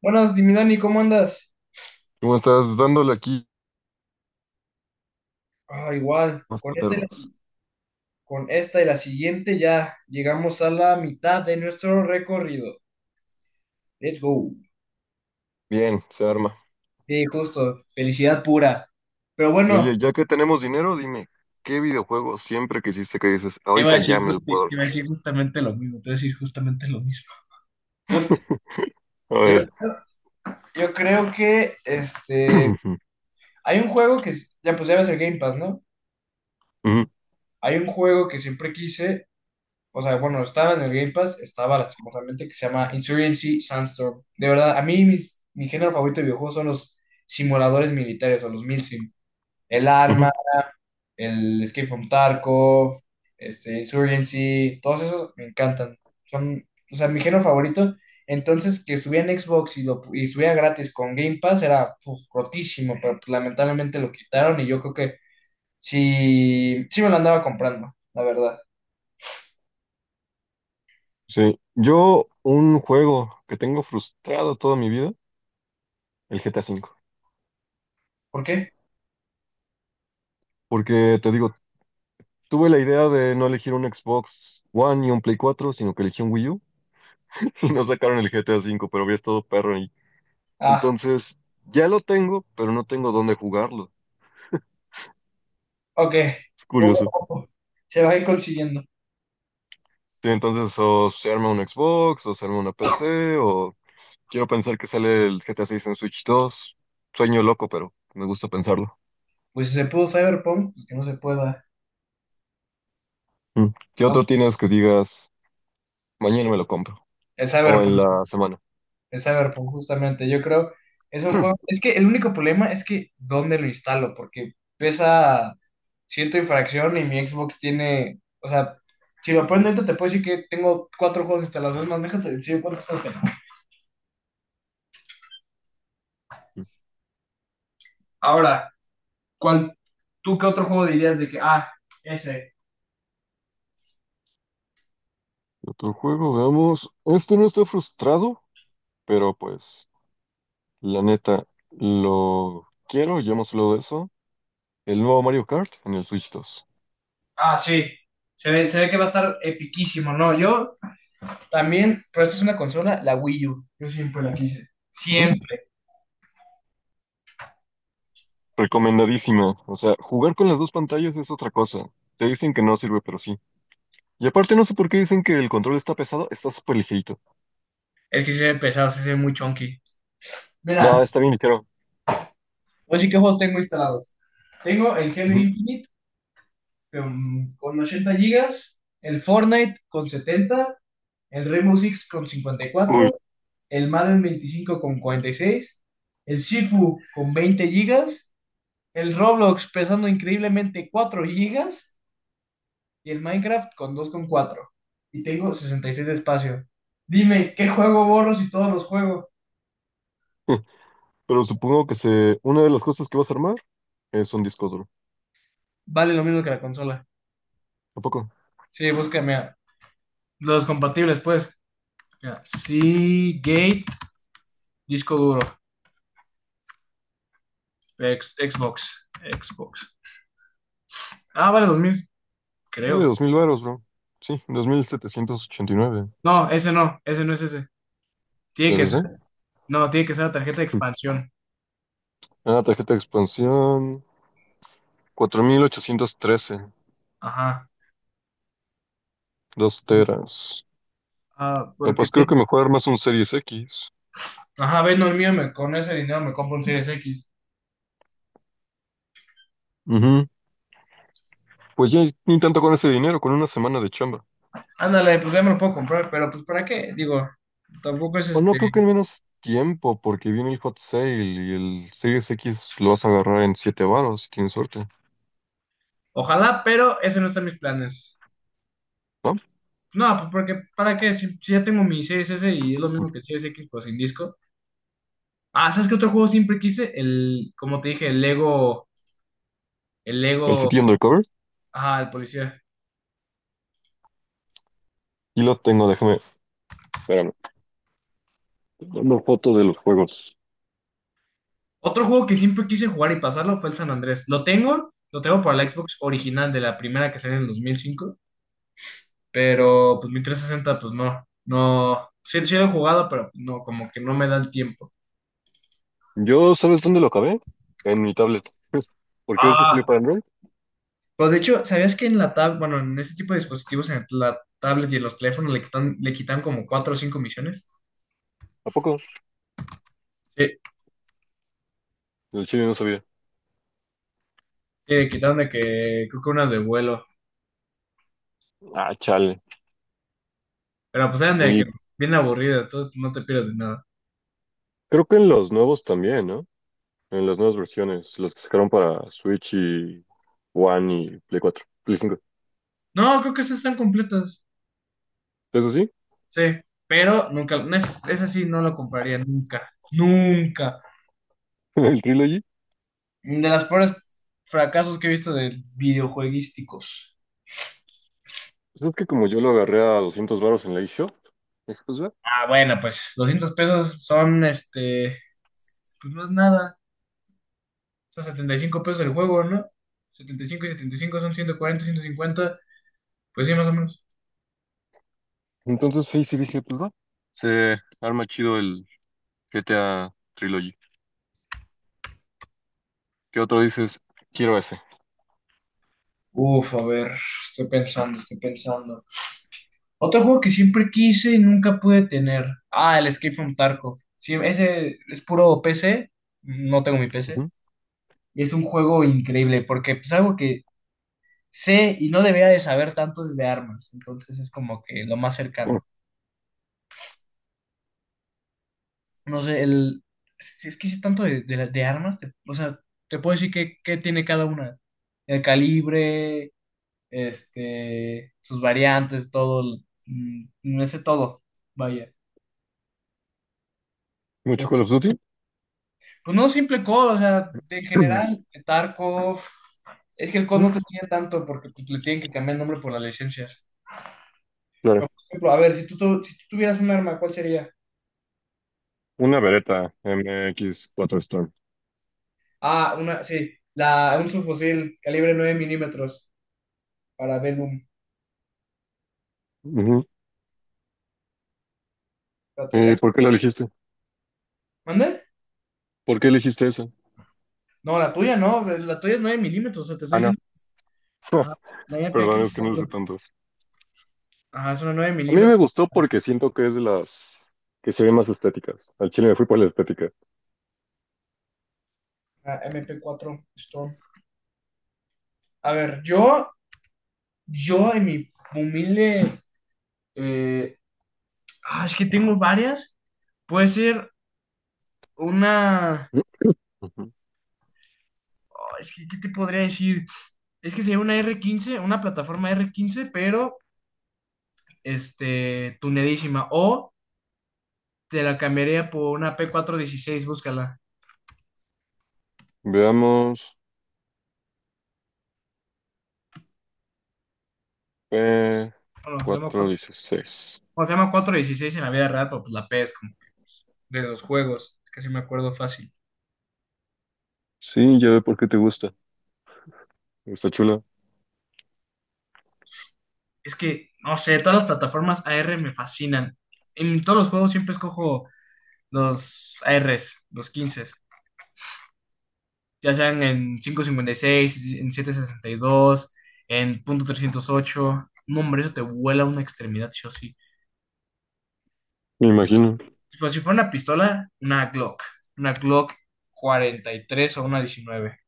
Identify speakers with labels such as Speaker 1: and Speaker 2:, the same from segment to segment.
Speaker 1: Buenas, mi Dani, ¿cómo andas?
Speaker 2: ¿Cómo estás? Dándole aquí
Speaker 1: Ah, igual,
Speaker 2: más
Speaker 1: con esta y la,
Speaker 2: paternos.
Speaker 1: si- con esta y la siguiente ya llegamos a la mitad de nuestro recorrido. Let's go.
Speaker 2: Bien, se arma.
Speaker 1: Sí, justo, felicidad pura. Pero
Speaker 2: Y
Speaker 1: bueno,
Speaker 2: oye, ya que tenemos dinero, dime, ¿qué videojuego siempre que hiciste que dices,
Speaker 1: te iba a
Speaker 2: ahorita
Speaker 1: decir,
Speaker 2: ya me
Speaker 1: ju-
Speaker 2: lo
Speaker 1: te, te
Speaker 2: puedo
Speaker 1: iba a
Speaker 2: armar?
Speaker 1: decir justamente lo mismo, te iba a decir justamente lo mismo.
Speaker 2: A
Speaker 1: yo,
Speaker 2: ver.
Speaker 1: yo creo que hay un juego que ya pues ya ves el Game Pass, ¿no?
Speaker 2: Ujú,
Speaker 1: Hay un juego que siempre quise. O sea, bueno, estaba en el Game Pass, estaba lastimosamente, que se llama Insurgency Sandstorm. De verdad, a mí, mi género favorito de videojuegos son los simuladores militares o los milsim. El
Speaker 2: ujú.
Speaker 1: Arma, el Escape from Tarkov, Insurgency, todos esos me encantan. Son, o sea, mi género favorito. Entonces, que estuviera en Xbox y estuviera gratis con Game Pass era puf, rotísimo, pero pues, lamentablemente lo quitaron y yo creo que sí, sí me lo andaba comprando, la verdad.
Speaker 2: Sí, yo un juego que tengo frustrado toda mi vida, el GTA V.
Speaker 1: ¿Por qué?
Speaker 2: Porque te digo, tuve la idea de no elegir un Xbox One y un Play 4, sino que elegí un Wii U y no sacaron el GTA V, pero había estado perro ahí.
Speaker 1: Ah.
Speaker 2: Entonces, ya lo tengo, pero no tengo dónde jugarlo.
Speaker 1: Ok,
Speaker 2: Es
Speaker 1: poco
Speaker 2: curioso.
Speaker 1: a poco se va a ir consiguiendo.
Speaker 2: Sí, entonces o se arma un Xbox, o se arma una PC, o quiero pensar que sale el GTA 6 en Switch 2. Sueño loco, pero me gusta pensarlo.
Speaker 1: Pues si se pudo Cyberpunk, pues que no se pueda.
Speaker 2: Mm. ¿Qué otro
Speaker 1: Aunque
Speaker 2: tienes que digas, mañana me lo compro?
Speaker 1: El
Speaker 2: O en
Speaker 1: Cyberpunk,
Speaker 2: la semana.
Speaker 1: el Cyberpunk, justamente, yo creo, es un juego. Es que el único problema es que dónde lo instalo, porque pesa ciento y fracción y mi Xbox tiene. O sea, si lo pones dentro, te puedo decir que tengo cuatro juegos instalados. Es más, déjate decir cuántos juegos tengo.
Speaker 2: Mm.
Speaker 1: Ahora, ¿cuál, tú qué otro juego dirías de que, ah, ese?
Speaker 2: Otro juego, veamos. Este no estoy frustrado, pero pues, la neta, lo quiero, ya hemos hablado de eso. El nuevo Mario Kart en el Switch 2.
Speaker 1: Ah, sí, se ve que va a estar epiquísimo, ¿no? Yo. También, pero esta es una consola, la Wii U. Yo siempre la quise.
Speaker 2: Ujú.
Speaker 1: Siempre.
Speaker 2: Recomendadísimo. O sea, jugar con las dos pantallas es otra cosa. Te dicen que no sirve, pero sí. Y aparte, no sé por qué dicen que el control está pesado, está súper ligerito.
Speaker 1: Es que sí se ve pesado, sí se ve muy chunky.
Speaker 2: No,
Speaker 1: Mira,
Speaker 2: está bien ligero.
Speaker 1: voy a decir qué juegos tengo instalados. Tengo el Halo
Speaker 2: Ujú.
Speaker 1: Infinite con 80 gigas, el Fortnite con 70, el Rainbow Six con
Speaker 2: Uy.
Speaker 1: 54, el Madden 25 con 46, el Sifu con 20 gigas, el Roblox pesando increíblemente 4 gigas y el Minecraft con 2,4. Y tengo 66 de espacio. Dime, ¿qué juego borro si todos los juego?
Speaker 2: Pero supongo que una de las cosas que vas a armar es un disco duro.
Speaker 1: Vale lo mismo que la consola.
Speaker 2: ¿A poco?
Speaker 1: Sí, búscame a los compatibles, pues. Mira, Seagate, disco duro, Xbox. Ah, vale 2000,
Speaker 2: Vale,
Speaker 1: creo.
Speaker 2: 2,000 varos, bro. Sí, 2,789.
Speaker 1: No, ese no, ese no es ese. Tiene que ser,
Speaker 2: ¿SSD?
Speaker 1: no, tiene que ser la tarjeta de
Speaker 2: Ujú.
Speaker 1: expansión.
Speaker 2: Ah, tarjeta de expansión. Cuatro mil ochocientos trece
Speaker 1: Ajá.
Speaker 2: 2 teras.
Speaker 1: Ah,
Speaker 2: No,
Speaker 1: porque
Speaker 2: pues creo que
Speaker 1: te...
Speaker 2: mejor armas un Series X.
Speaker 1: Ajá, ves, no, el mío me, con ese dinero me compro un Series X.
Speaker 2: Ujú. Pues ya ni tanto con ese dinero, con una semana de chamba.
Speaker 1: Ándale, pues ya me lo puedo comprar, pero pues ¿para qué? Digo, tampoco es
Speaker 2: O no
Speaker 1: este.
Speaker 2: creo que en menos tiempo, porque viene el hot sale y el Series X lo vas a agarrar en 7 varos, si tienes suerte,
Speaker 1: Ojalá, pero ese no está en mis planes.
Speaker 2: ¿no?
Speaker 1: No, pues porque ¿para qué? Si ya tengo mi Series S y es lo mismo que el Series X, pues sin disco. Ah, ¿sabes qué otro juego siempre quise? El, como te dije, el Lego, el
Speaker 2: El
Speaker 1: Lego,
Speaker 2: City Undercover,
Speaker 1: ajá, el policía.
Speaker 2: y lo tengo, déjame, espérame, una foto de los juegos.
Speaker 1: Otro juego que siempre quise jugar y pasarlo fue el San Andrés. Lo tengo para la Xbox original de la primera que salió en el 2005, pero pues mi 360 pues no, no, sí, sí lo he jugado, pero pues, no, como que no me da el tiempo.
Speaker 2: Yo, ¿sabes dónde lo acabé? En mi tablet. ¿Porque ves que salió
Speaker 1: Ah,
Speaker 2: para Android?
Speaker 1: pero de hecho, ¿sabías que bueno, en este tipo de dispositivos, en la tablet y en los teléfonos le quitan como cuatro o cinco misiones?
Speaker 2: ¿A poco?
Speaker 1: Sí,
Speaker 2: El chile no sabía.
Speaker 1: sí, quitando de que creo que unas de vuelo.
Speaker 2: Ah, chale.
Speaker 1: Pero pues eran de que
Speaker 2: Y
Speaker 1: bien aburridas, entonces no te pierdes de nada.
Speaker 2: creo que en los nuevos también, ¿no? En las nuevas versiones, los que sacaron para Switch y One y Play 4 Play 5.
Speaker 1: No, creo que esas están completas.
Speaker 2: ¿Eso sí?
Speaker 1: Sí, pero nunca, no es, esa sí no lo compraría nunca. Nunca.
Speaker 2: ¿El Trilogy?
Speaker 1: De las peores fracasos que he visto de videojueguísticos.
Speaker 2: Pues es que como yo lo agarré a 200 varos en la eShop, dije, pues va.
Speaker 1: Ah, bueno, pues 200 pesos son este, pues no es nada. Son 75 pesos el juego, ¿no? 75 y 75 son 140, 150. Pues sí, más o menos.
Speaker 2: Entonces sí, sí dije, pues va. Se arma chido el GTA Trilogy. ¿Qué otro dices? Quiero ese.
Speaker 1: Uf, a ver, estoy pensando, estoy pensando. Otro juego que siempre quise y nunca pude tener. Ah, el Escape from Tarkov. Sí, ese es puro PC. No tengo mi PC.
Speaker 2: Ujú.
Speaker 1: Y es un juego increíble porque es algo que sé y no debería de saber tanto es de armas. Entonces es como que lo más
Speaker 2: Oh,
Speaker 1: cercano. No sé, el... Si es que sí es tanto de armas, o sea, te puedo decir qué tiene cada una. El calibre, sus variantes, todo, no sé todo, vaya. Eh,
Speaker 2: ¿mucho Call of Duty?
Speaker 1: Pues no simple COD, o D, o sea, en general, Tarkov. Es que el COD
Speaker 2: Ujú.
Speaker 1: no te enseña tanto porque pues, le tienen que cambiar el nombre por las licencias. Pero,
Speaker 2: Claro.
Speaker 1: por ejemplo, a ver, si tú tuvieras un arma, ¿cuál sería?
Speaker 2: Una Beretta MX4 Storm.
Speaker 1: Ah, sí, un subfusil calibre 9 mm para Bellum.
Speaker 2: Ujú. ¿Y
Speaker 1: Espérate,
Speaker 2: por qué la elegiste?
Speaker 1: ¿Mande?
Speaker 2: ¿Por qué elegiste esa?
Speaker 1: No, la tuya no, la tuya es 9 mm, o sea, te estoy
Speaker 2: Ah, no.
Speaker 1: diciendo. Ah, la
Speaker 2: Perdón, es que no lo sé
Speaker 1: MP4.
Speaker 2: tanto.
Speaker 1: Ajá, es una nueve
Speaker 2: A mí me
Speaker 1: milímetros.
Speaker 2: gustó porque siento que es de las que se ven más estéticas. Al chile me fui por la estética.
Speaker 1: Ah, mp cuatro Storm. A ver, yo en mi humilde. eh, es que tengo varias. Puede ser una.
Speaker 2: Ujú.
Speaker 1: Oh, es que, ¿qué te podría decir? Es que sería una plataforma R15, pero tunedísima. O te la cambiaría por una P416, búscala.
Speaker 2: Veamos. Eh,
Speaker 1: Bueno,
Speaker 2: cuatro
Speaker 1: 4,
Speaker 2: dieciséis.
Speaker 1: o se llama 416 en la vida real, pero pues la P es como de los juegos. Es que sí me acuerdo fácil.
Speaker 2: Sí, ya ve por qué te gusta. Está chula,
Speaker 1: Es que, no sé, todas las plataformas AR me fascinan. En todos los juegos siempre escojo los ARs, los 15, ya sean en 5.56, en 7.62, en .308. No, hombre, eso te vuela una extremidad, sí o sí.
Speaker 2: me imagino.
Speaker 1: Pues si fuera una pistola, una Glock. Una Glock 43 o una 19.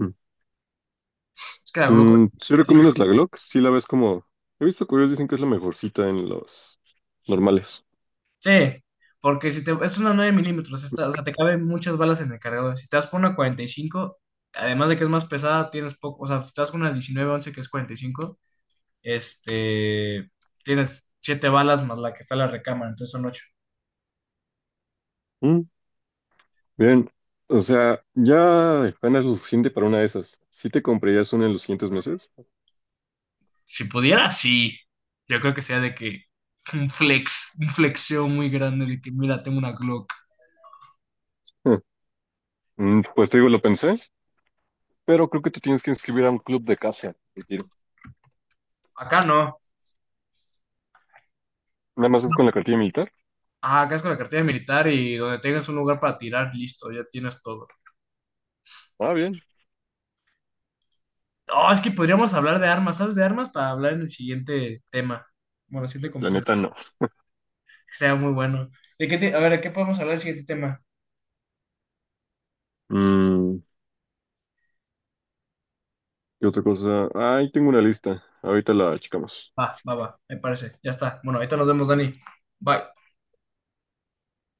Speaker 2: Mm.
Speaker 1: Es que la Glock
Speaker 2: ¿Sí
Speaker 1: 43 así.
Speaker 2: recomiendas la Glock? Sí la ves como. He visto que ellos dicen que es la mejorcita en los normales.
Speaker 1: Sí, porque si te, es una 9 mm, esta, o sea, te caben muchas balas en el cargador. Si te das por una 45, además de que es más pesada, tienes poco, o sea, si te das con una 1911 que es 45, este, tienes 7 balas más la que está en la recámara, entonces son ocho.
Speaker 2: Mm, bien. O sea, ya ganas lo suficiente para una de esas. ¿Sí te comprarías una en los siguientes meses?
Speaker 1: Si pudiera, sí, yo creo que sea de que un flexeo muy grande de que, mira, tengo una Glock.
Speaker 2: Eh, pues te digo, lo pensé. Pero creo que te tienes que inscribir a un club de caza de tiro.
Speaker 1: Acá no.
Speaker 2: Nada más es con la cartilla militar.
Speaker 1: Ah, acá es con la cartilla militar y donde tengas un lugar para tirar, listo, ya tienes todo.
Speaker 2: Ah, bien.
Speaker 1: Oh, es que podríamos hablar de armas, ¿sabes? De armas para hablar en el siguiente tema. Bueno, la siguiente
Speaker 2: La
Speaker 1: conversación.
Speaker 2: neta no.
Speaker 1: Que sea muy bueno. A ver, ¿de qué podemos hablar en el siguiente tema?
Speaker 2: Mm, ¿Qué otra cosa? Ahí tengo una lista. Ahorita la checamos.
Speaker 1: Va, va, va, me parece. Ya está. Bueno, ahorita nos vemos, Dani. Bye.